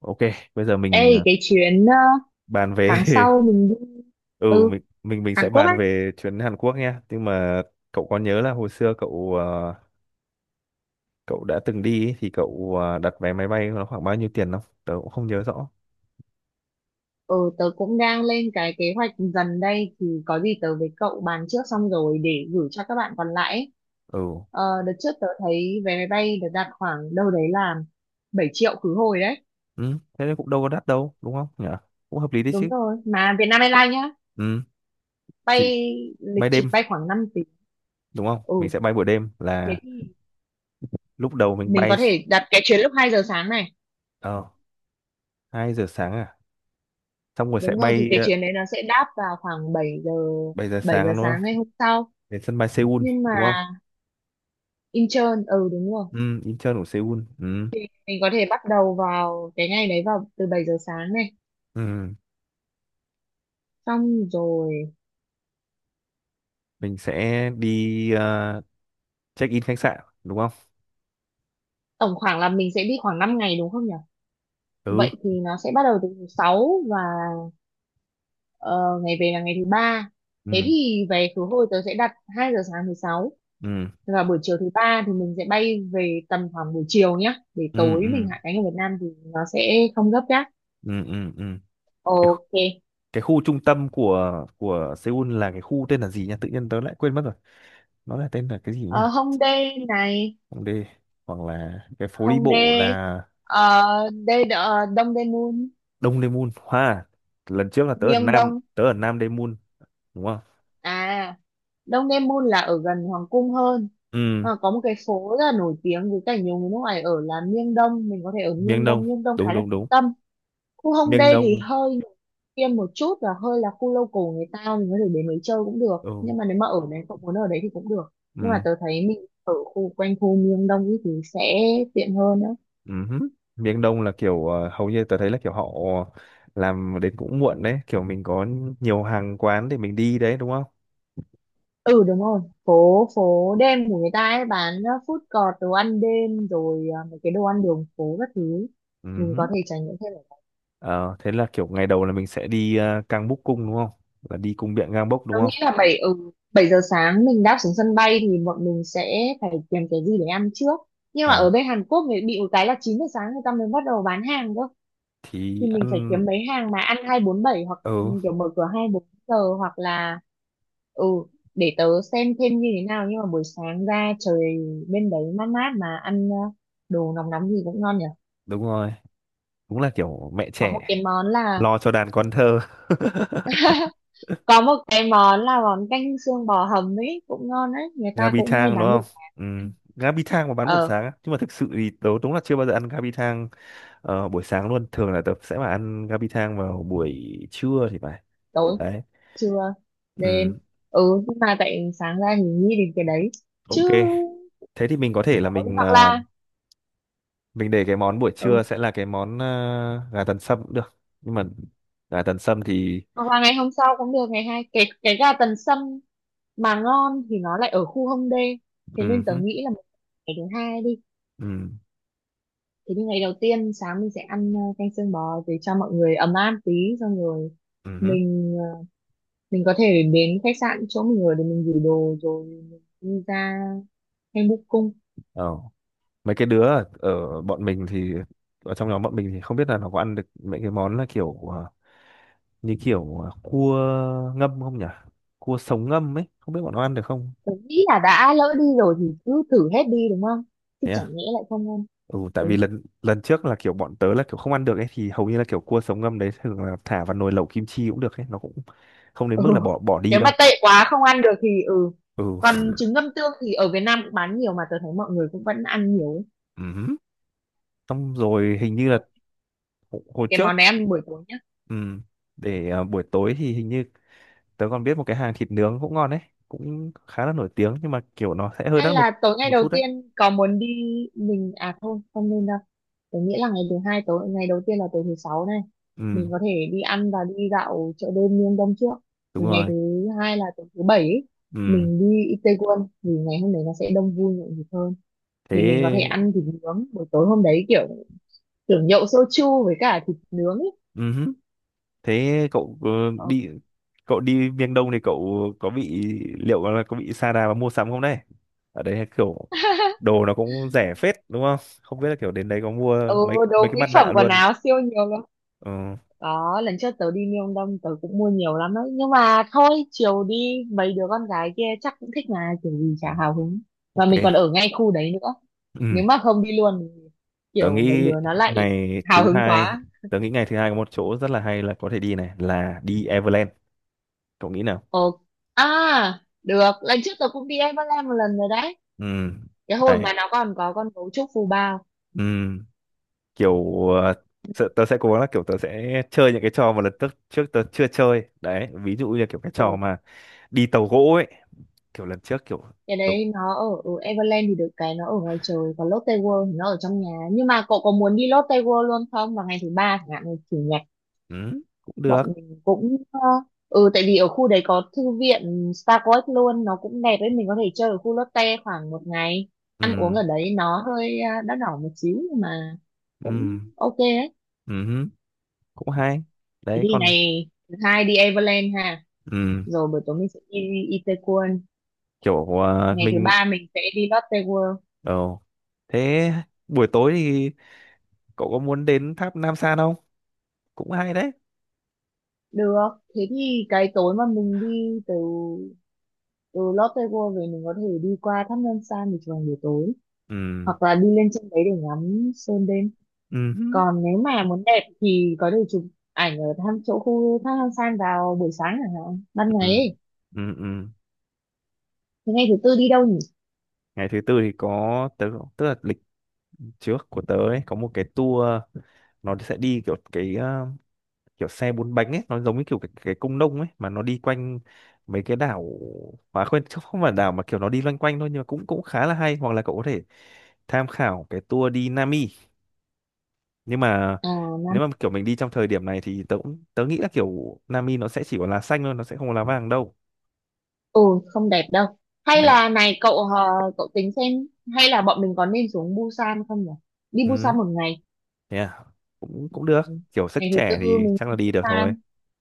Ok, bây giờ Ê, cái chuyến bàn về tháng sau mình đi ừ ừ, mình mình mình Hàn sẽ Quốc bàn ấy. về chuyến Hàn Quốc nhé. Nhưng mà cậu có nhớ là hồi xưa cậu đã từng đi ý, thì đặt vé máy bay nó khoảng bao nhiêu tiền không? Tớ cũng không nhớ rõ. Ừ, tớ cũng đang lên cái kế hoạch dần đây thì có gì tớ với cậu bàn trước xong rồi để gửi cho các bạn còn lại ấy. Ừ. Đợt trước tớ thấy vé máy bay được đặt khoảng đâu đấy là 7 triệu khứ hồi đấy. Ừ, thế nên cũng đâu có đắt đâu, đúng không nhỉ? Cũng hợp lý đấy Đúng chứ. rồi, mà Vietnam Airlines nhá, Ừ, chỉ bay lịch bay đêm trình bay khoảng 5 tiếng. đúng không? Ừ, Mình sẽ bay buổi đêm thế là thì lúc đầu mình mình bay có thể đặt cái chuyến lúc 2 giờ sáng này. ờ 2 giờ sáng à. Xong rồi sẽ Đúng rồi, thì bay cái chuyến đấy nó sẽ đáp vào khoảng bảy giờ 7 giờ bảy giờ sáng đúng sáng ngày không? hôm sau. Đến sân bay Seoul Nhưng mà đúng không? Intern, ừ đúng rồi. Ừ, Incheon của Seoul. Ừ. Mình có thể bắt đầu vào cái ngày đấy vào từ 7 giờ sáng này. Ừ. Xong rồi Mình sẽ đi check in khách sạn đúng không? tổng khoảng là mình sẽ đi khoảng 5 ngày đúng không nhỉ? Ừ Vậy thì nó sẽ bắt đầu từ thứ 6 và ờ, ngày về là ngày thứ ba. Thế ừ thì về khứ hồi tớ sẽ đặt 2 giờ sáng thứ 6 ừ và buổi chiều thứ ba thì mình sẽ bay về tầm khoảng buổi chiều nhá. Để ừ tối mình ừ hạ cánh ở Việt Nam thì nó sẽ không gấp nhá. ừ ừ ừ. cái khu- Ok. cái khu trung tâm của Seoul là cái khu tên là gì nhỉ, tự nhiên tớ lại quên mất rồi, nó là tên là cái gì nhỉ? Ờ, Hongdae này, Hongdae, hoặc là cái phố đi bộ Hongdae, là Dongdaemun, Đông Daemun hoa. Lần trước là Myeongdong. tớ ở Nam Daemun đúng không? À, Dongdaemun là ở gần Hoàng cung hơn. Ừ, À, có một cái phố rất là nổi tiếng với cả nhiều người nước ngoài ở là Miêng Đông. Mình có thể ở miền Miêng Đông, Đông. Miêng Đông đúng khá là đúng trung đúng, tâm. Khu miền Hongdae thì Đông. hơi tiêm một chút và hơi là khu local người ta. Mình có thể đến đấy chơi cũng được. Ừ Nhưng mà nếu mà ở đấy, cậu muốn ở đấy thì cũng được. Nhưng mà ừ tớ thấy mình ở khu quanh khu Miêng Đông ý thì sẽ tiện hơn đó. uh. Miền Đông là kiểu hầu như tớ thấy là kiểu họ làm đến cũng muộn đấy, kiểu mình có nhiều hàng quán để mình đi đấy đúng không? Ừ đúng rồi. Phố phố đêm của người ta ấy bán food court, đồ ăn đêm rồi mấy cái đồ ăn đường phố các thứ, mình có thể trải nghiệm thêm. Uh, thế là kiểu ngày đầu là mình sẽ đi Cang Búc Cung đúng không, là đi cung điện Cang Bốc đúng Tôi nghĩ không? là 7 giờ sáng mình đáp xuống sân bay thì bọn mình sẽ phải tìm cái gì để ăn trước. Nhưng mà Ờ, ở bên Hàn Quốc thì bị một cái là 9 giờ sáng người ta mới bắt đầu bán hàng cơ. Thì thì mình phải ăn. kiếm mấy hàng mà ăn 247 hoặc Ừ kiểu mở cửa hai bốn giờ hoặc là ừ để tớ xem thêm như thế nào nhưng mà buổi sáng ra trời bên đấy mát mát mà ăn đồ nóng nóng gì cũng ngon nhỉ. đúng rồi, đúng là kiểu mẹ Có một trẻ cái món là lo cho đàn con thơ. có một cái món là món canh xương bò hầm ấy cũng ngon đấy, người ta Gabi cũng hay thang đúng bán buổi không? sáng. Ừ. Gabi thang mà bán buổi Ờ. sáng á. Nhưng mà thực sự thì tớ đúng là chưa bao giờ ăn Gabi thang. Ờ, buổi sáng luôn, thường là tớ sẽ mà ăn gabi thang vào buổi trưa thì phải. Tối, Đấy. trưa, đêm. Ừ, Nhưng mà tại sáng ra thì nghĩ đến cái đấy chứ ok, thế thì mình có thể chả là có gì. Hoặc là mình để cái món buổi ừ trưa sẽ là cái món gà tần sâm cũng được, nhưng mà gà tần sâm thì hoặc là ngày hôm sau cũng được, ngày hai cái gà tần sâm mà ngon thì nó lại ở khu Hông Đê, thế ừ, nên tớ hứ, nghĩ là ngày thứ hai đi. ừ, Thế nhưng ngày đầu tiên sáng mình sẽ ăn canh xương bò để cho mọi người ấm áp tí. Xong rồi ừ, hứ. mình ờ, mình có thể đến khách sạn chỗ mình ở để mình gửi đồ rồi mình đi ra hay búc cung. Ờ, mấy cái đứa ở bọn mình thì ở trong nhóm bọn mình thì không biết là nó có ăn được mấy cái món là kiểu như kiểu cua ngâm không nhỉ, cua sống ngâm ấy, không biết bọn nó ăn được không? Tôi nghĩ là đã lỡ đi rồi thì cứ thử hết đi đúng không? Chứ Thế chẳng à? nhẽ lại không ăn. Ừ, tại Ừ. vì lần lần trước là kiểu bọn tớ là kiểu không ăn được ấy, thì hầu như là kiểu cua sống ngâm đấy thường là thả vào nồi lẩu kim chi cũng được ấy, nó cũng không đến Ừ. mức là bỏ bỏ đi Nếu mà đâu. tệ quá không ăn được thì ừ. Ừ. Còn trứng ngâm tương thì ở Việt Nam cũng bán nhiều mà tôi thấy mọi người cũng vẫn ăn nhiều ấy. Ừm. Xong rồi hình như là Ok. hồi hồi Cái trước, món này ăn buổi tối nhá. ừm, để à, buổi tối thì hình như tớ còn biết một cái hàng thịt nướng cũng ngon đấy, cũng khá là nổi tiếng, nhưng mà kiểu nó sẽ hơi Hay đắt một là tối ngày một đầu chút đấy. tiên có muốn đi mình à thôi không nên đâu. Tớ nghĩ là ngày thứ hai, tối ngày đầu tiên là tối thứ sáu này, Ừ mình có thể đi ăn và đi dạo chợ đêm miền Đông trước. đúng Rồi ngày rồi. thứ hai là tối thứ bảy ấy, Ừ, mình đi Itaewon vì ngày hôm đấy nó sẽ đông vui nhộn nhịp hơn. Thì mình có thể thế. ăn thịt nướng buổi tối hôm đấy, kiểu kiểu nhậu soju với cả thịt nướng ấy. Thế Ờ, đi, cậu đi miền Đông thì cậu có bị, liệu là có bị sa đà và mua sắm không đấy? Ở đấy kiểu đồ nó cũng rẻ phết đúng không? Không biết là kiểu đến đấy có mua Ừ, mấy Đồ mấy cái mỹ mặt phẩm nạ quần luôn. áo siêu nhiều luôn. Ờ, Có, lần trước tớ đi Miêu Đông tớ cũng mua nhiều lắm đấy. Nhưng mà thôi, chiều đi mấy đứa con gái kia chắc cũng thích mà, kiểu gì ừ, chả hào hứng. Mà ok. mình còn ở ngay khu đấy nữa. Ừ, Nếu mà không đi luôn, thì tớ kiểu mấy nghĩ đứa nó lại ngày hào thứ hứng hai, quá. tớ nghĩ ngày thứ hai có một chỗ rất là hay là có thể đi này, là đi Everland. Cậu nghĩ nào? Ồ, à, được. Lần trước tớ cũng đi Everland một lần rồi đấy. Ừ. Cái hồi Đấy. mà nó còn có con gấu trúc phù bao. Ừ. Kiểu tớ sẽ cố gắng là kiểu tớ sẽ chơi những cái trò mà lần trước trước tớ chưa chơi đấy, ví dụ như kiểu cái trò Ừ, mà đi tàu gỗ ấy, kiểu lần trước kiểu cái tớ, đấy nó ở, ở Everland thì được cái nó ở ngoài trời. Còn Lotte World thì nó ở trong nhà. Nhưng mà cậu có muốn đi Lotte World luôn không? Vào ngày thứ ba chẳng hạn, chủ nhật ừ, cũng bọn được. mình cũng tại vì ở khu đấy có thư viện Star Coast luôn, nó cũng đẹp ấy, mình có thể chơi ở khu Lotte khoảng một ngày, Ừ, ăn uống ở đấy nó hơi đắt đỏ một xíu nhưng mà ừ, cũng ok ấy. ừ, cũng hay Thế đấy thì còn ngày thứ hai đi Everland ha, ừ, rồi buổi tối mình sẽ đi Itaewon, kiểu ngày thứ mình ba mình sẽ đi Lotte World ờ, thế buổi tối thì cậu có muốn đến tháp Nam San không, cũng hay đấy. được. Thế thì cái tối mà mình đi từ từ Lotte World về, mình có thể đi qua tháp Ngân San để chụp ảnh buổi tối Ừ, hoặc là đi lên trên đấy để ngắm sơn đêm. ừ, Còn nếu mà muốn đẹp thì có thể chụp ảnh ở thăm chỗ khu thác Hang San vào buổi sáng chẳng hạn, ban ngày ừ, ấy. ừ, ừ. Thế ngày thứ tư đi đâu nhỉ? Ngày thứ tư thì có tớ, tức là lịch trước của tớ ấy có một cái tour, nó sẽ đi kiểu cái kiểu xe bốn bánh ấy, nó giống như kiểu cái công nông ấy mà nó đi quanh mấy cái đảo, mà quên chứ không phải đảo, mà kiểu nó đi loanh quanh thôi, nhưng mà cũng cũng khá là hay, hoặc là cậu có thể tham khảo cái tour đi Nami. Nhưng mà À Nam nếu mà kiểu mình đi trong thời điểm này thì tớ cũng tớ nghĩ là kiểu Nami nó sẽ chỉ có lá xanh thôi, nó sẽ không có lá vàng đâu. ừ Không đẹp đâu. Hay Đấy. là này cậu tính xem hay là bọn mình có nên xuống Busan không nhỉ, đi Ừ, Busan một ngày. yeah, cũng cũng được, Ừ. kiểu sức Ngày thứ trẻ tư thì mình chắc đi là đi được thôi. Busan,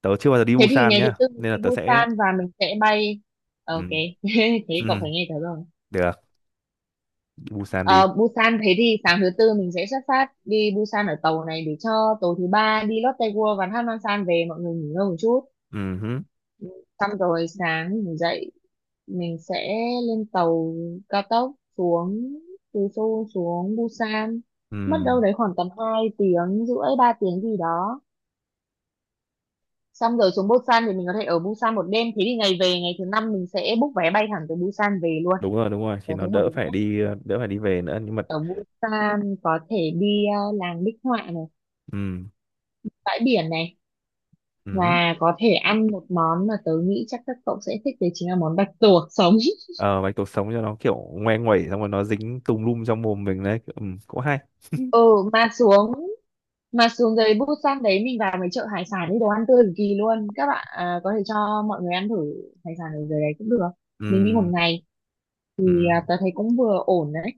Tớ chưa bao giờ đi thế thì Busan ngày thứ nhá, tư mình nên là đi tớ sẽ Busan và mình sẽ bay. Ok. ừ, Thế cậu ừ, phải nghe tớ rồi. được, đi Busan đi. Ờ, Busan, thế thì sáng thứ tư mình sẽ xuất phát đi Busan ở tàu này để cho tối thứ ba đi Lotte World và Hanwha-san về mọi người nghỉ ngơi một chút. Ừ. Xong rồi sáng mình dậy mình sẽ lên tàu cao tốc xuống, từ Seoul xuống Busan. Ừ, Mất đâu đấy khoảng tầm 2 tiếng rưỡi 3 tiếng gì đó. Xong rồi xuống Busan thì mình có thể ở Busan một đêm. Thế thì ngày về ngày thứ năm mình sẽ book vé bay thẳng từ Busan về luôn. Đúng rồi, Tớ thì nó thấy hợp đỡ lý phải nhé. đi đỡ phải đi về nữa, nhưng mà Ở Busan có thể đi làng bích họa này, ừ, bãi biển này, ừ. mà có thể ăn một món mà tớ nghĩ chắc các cậu sẽ thích đấy, chính là món bạch tuộc sống. Ờ, bạch tuộc sống cho nó kiểu ngoe nguẩy xong rồi nó dính tùm lum trong mồm mình đấy, ừ, cũng hay. Ừ, mà xuống mà xuống dưới Busan đấy mình vào mấy chợ hải sản, đi đồ ăn tươi cực kỳ luôn. Các bạn à, có thể cho mọi người ăn thử hải sản ở dưới đấy cũng được. Mình đi một Ừ, ngày thì ừ, à, tớ thấy cũng vừa ổn đấy.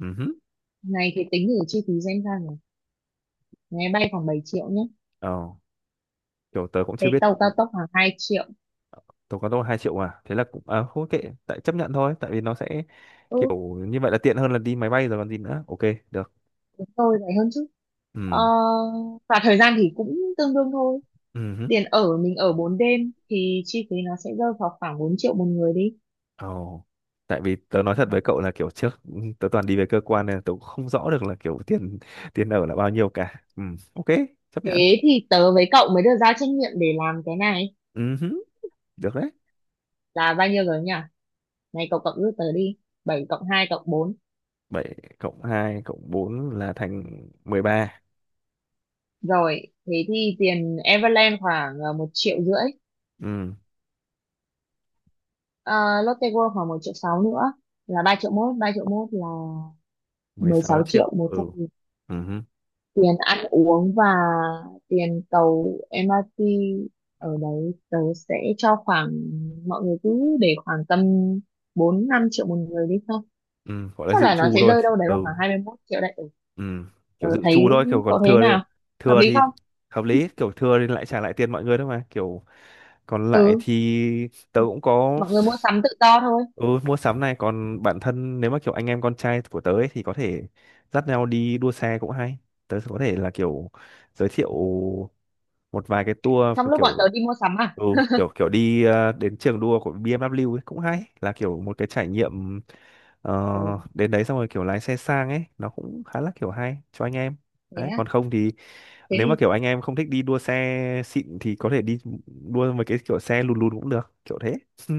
ừ. Này thì tính thử chi phí xem sao nhỉ. Máy bay khoảng 7 triệu nhé. Ờ, kiểu tớ cũng chưa Cái biết tàu cao tốc khoảng 2 triệu. tớ có đâu 2 triệu à. Thế là cũng à, không kệ, tại chấp nhận thôi, tại vì nó sẽ Ừ, kiểu như vậy là tiện hơn là đi máy bay rồi còn gì nữa. Ok, được. đúng rồi, rẻ hơn chứ. Ờ, Ừ. và thời gian thì cũng tương đương thôi. Ừ. Tiền ở, mình ở 4 đêm thì chi phí nó sẽ rơi vào khoảng 4 triệu một người đi. Ồ. Tại vì tớ nói thật với cậu là kiểu trước ừ, tớ toàn đi về cơ quan nên là tớ cũng không rõ được là kiểu tiền tiền ở là bao nhiêu cả. Ừ, ok, chấp nhận. Thế thì tớ với cậu mới được giao trách nhiệm để làm cái này, Ừ, hứ, được đấy. là bao nhiêu rồi nhỉ, này cậu cộng giúp tớ đi: bảy cộng hai cộng bốn. 7 cộng 2 cộng 4 là thành mười ba. Rồi thế thì tiền Everland khoảng 1 triệu rưỡi. Ừ, Ờ, Lotte World khoảng 1 triệu 6 nữa là ba triệu mốt là mười mười sáu sáu triệu triệu. một Ừ. trăm. Ừ, hứ, Tiền ăn uống và tiền tàu MRT ở đấy tớ sẽ cho khoảng, mọi người cứ để khoảng tầm 4-5 triệu một người đi thôi. ừ, gọi là Chắc dự là nó trù sẽ thôi. rơi đâu đấy vào Ừ, khoảng 21 triệu đấy. Ừ, ừ, tớ kiểu dự thấy trù thôi, kiểu còn có thế nào? Hợp thừa lý thì không? hợp lý, kiểu thừa thì lại trả lại tiền mọi người thôi mà, kiểu còn lại Ừ, thì tớ cũng có. mọi người mua sắm tự do thôi. Ừ, mua sắm này, còn bản thân nếu mà kiểu anh em con trai của tớ ấy, thì có thể dắt nhau đi đua xe cũng hay. Tớ có thể là kiểu giới thiệu một vài cái tour Trong lúc bọn kiểu tớ đi mua sắm à? ừ, kiểu kiểu đi đến trường đua của BMW ấy, cũng hay, là kiểu một cái trải nghiệm ờ, Ừ, đến đấy xong rồi kiểu lái xe sang ấy, nó cũng khá là kiểu hay cho anh em. thế Đấy, á, còn không thì thế nếu mà đi. kiểu anh em không thích đi đua xe xịn thì có thể đi đua với cái kiểu xe lùn lùn cũng được, kiểu thế.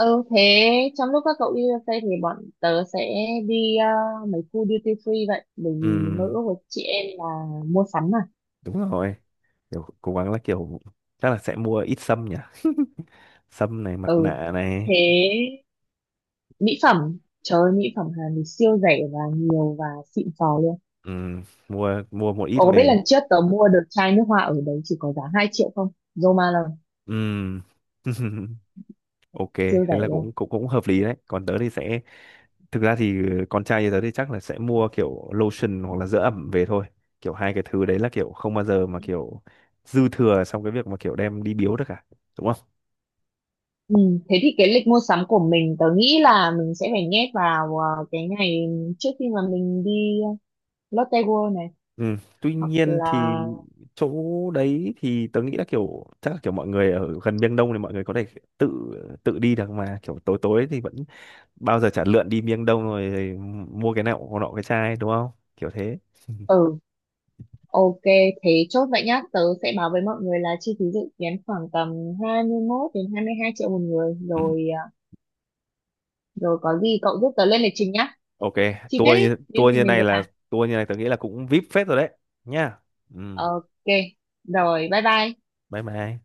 Ừ, thế trong lúc các cậu đi USA thì bọn tớ sẽ đi mấy khu duty free vậy. Bởi vì mơ Ừ, ước của chị em là mua sắm mà. đúng rồi. Kiểu cố gắng là kiểu chắc là sẽ mua ít sâm nhỉ, sâm này mặt Ừ, nạ này. thế mỹ phẩm, trời ơi, mỹ phẩm Hàn thì siêu rẻ và nhiều và xịn sò luôn. Ừm, mua mua một ít Cậu có biết về. lần trước tớ mua được chai nước hoa ở đấy chỉ có giá 2 triệu không? Zoma là Ừm. Ok, thế siêu rẻ là luôn. cũng cũng cũng hợp lý đấy, còn tớ thì sẽ thực ra thì con trai như tớ thì chắc là sẽ mua kiểu lotion hoặc là dưỡng ẩm về thôi, kiểu hai cái thứ đấy là kiểu không bao giờ mà kiểu dư thừa trong cái việc mà kiểu đem đi biếu được cả đúng không? Ừ, thế thì cái lịch mua sắm của mình tớ nghĩ là mình sẽ phải nhét vào cái ngày trước khi mà mình đi Lotte World này Ừ. Tuy hoặc nhiên là thì chỗ đấy thì tớ nghĩ là kiểu chắc là kiểu mọi người ở gần Miêng Đông thì mọi người có thể tự tự đi được mà, kiểu tối tối thì vẫn bao giờ chả lượn đi Miêng Đông rồi, mua cái nọ nọ cái chai đúng không, kiểu thế. ừ ok. Thế chốt vậy nhá, tớ sẽ báo với mọi người là chi phí dự kiến khoảng tầm 21 đến 22 triệu một người Ừ. rồi. Ờ, Rồi có gì cậu giúp tớ lên lịch trình nhá, Ok, chi tiết tour như ấy, những tour gì như mình này vừa là bảo. tour như này tớ nghĩ là cũng VIP phết rồi đấy nhá. Ừ. Ok, rồi bye bye. Bye bye.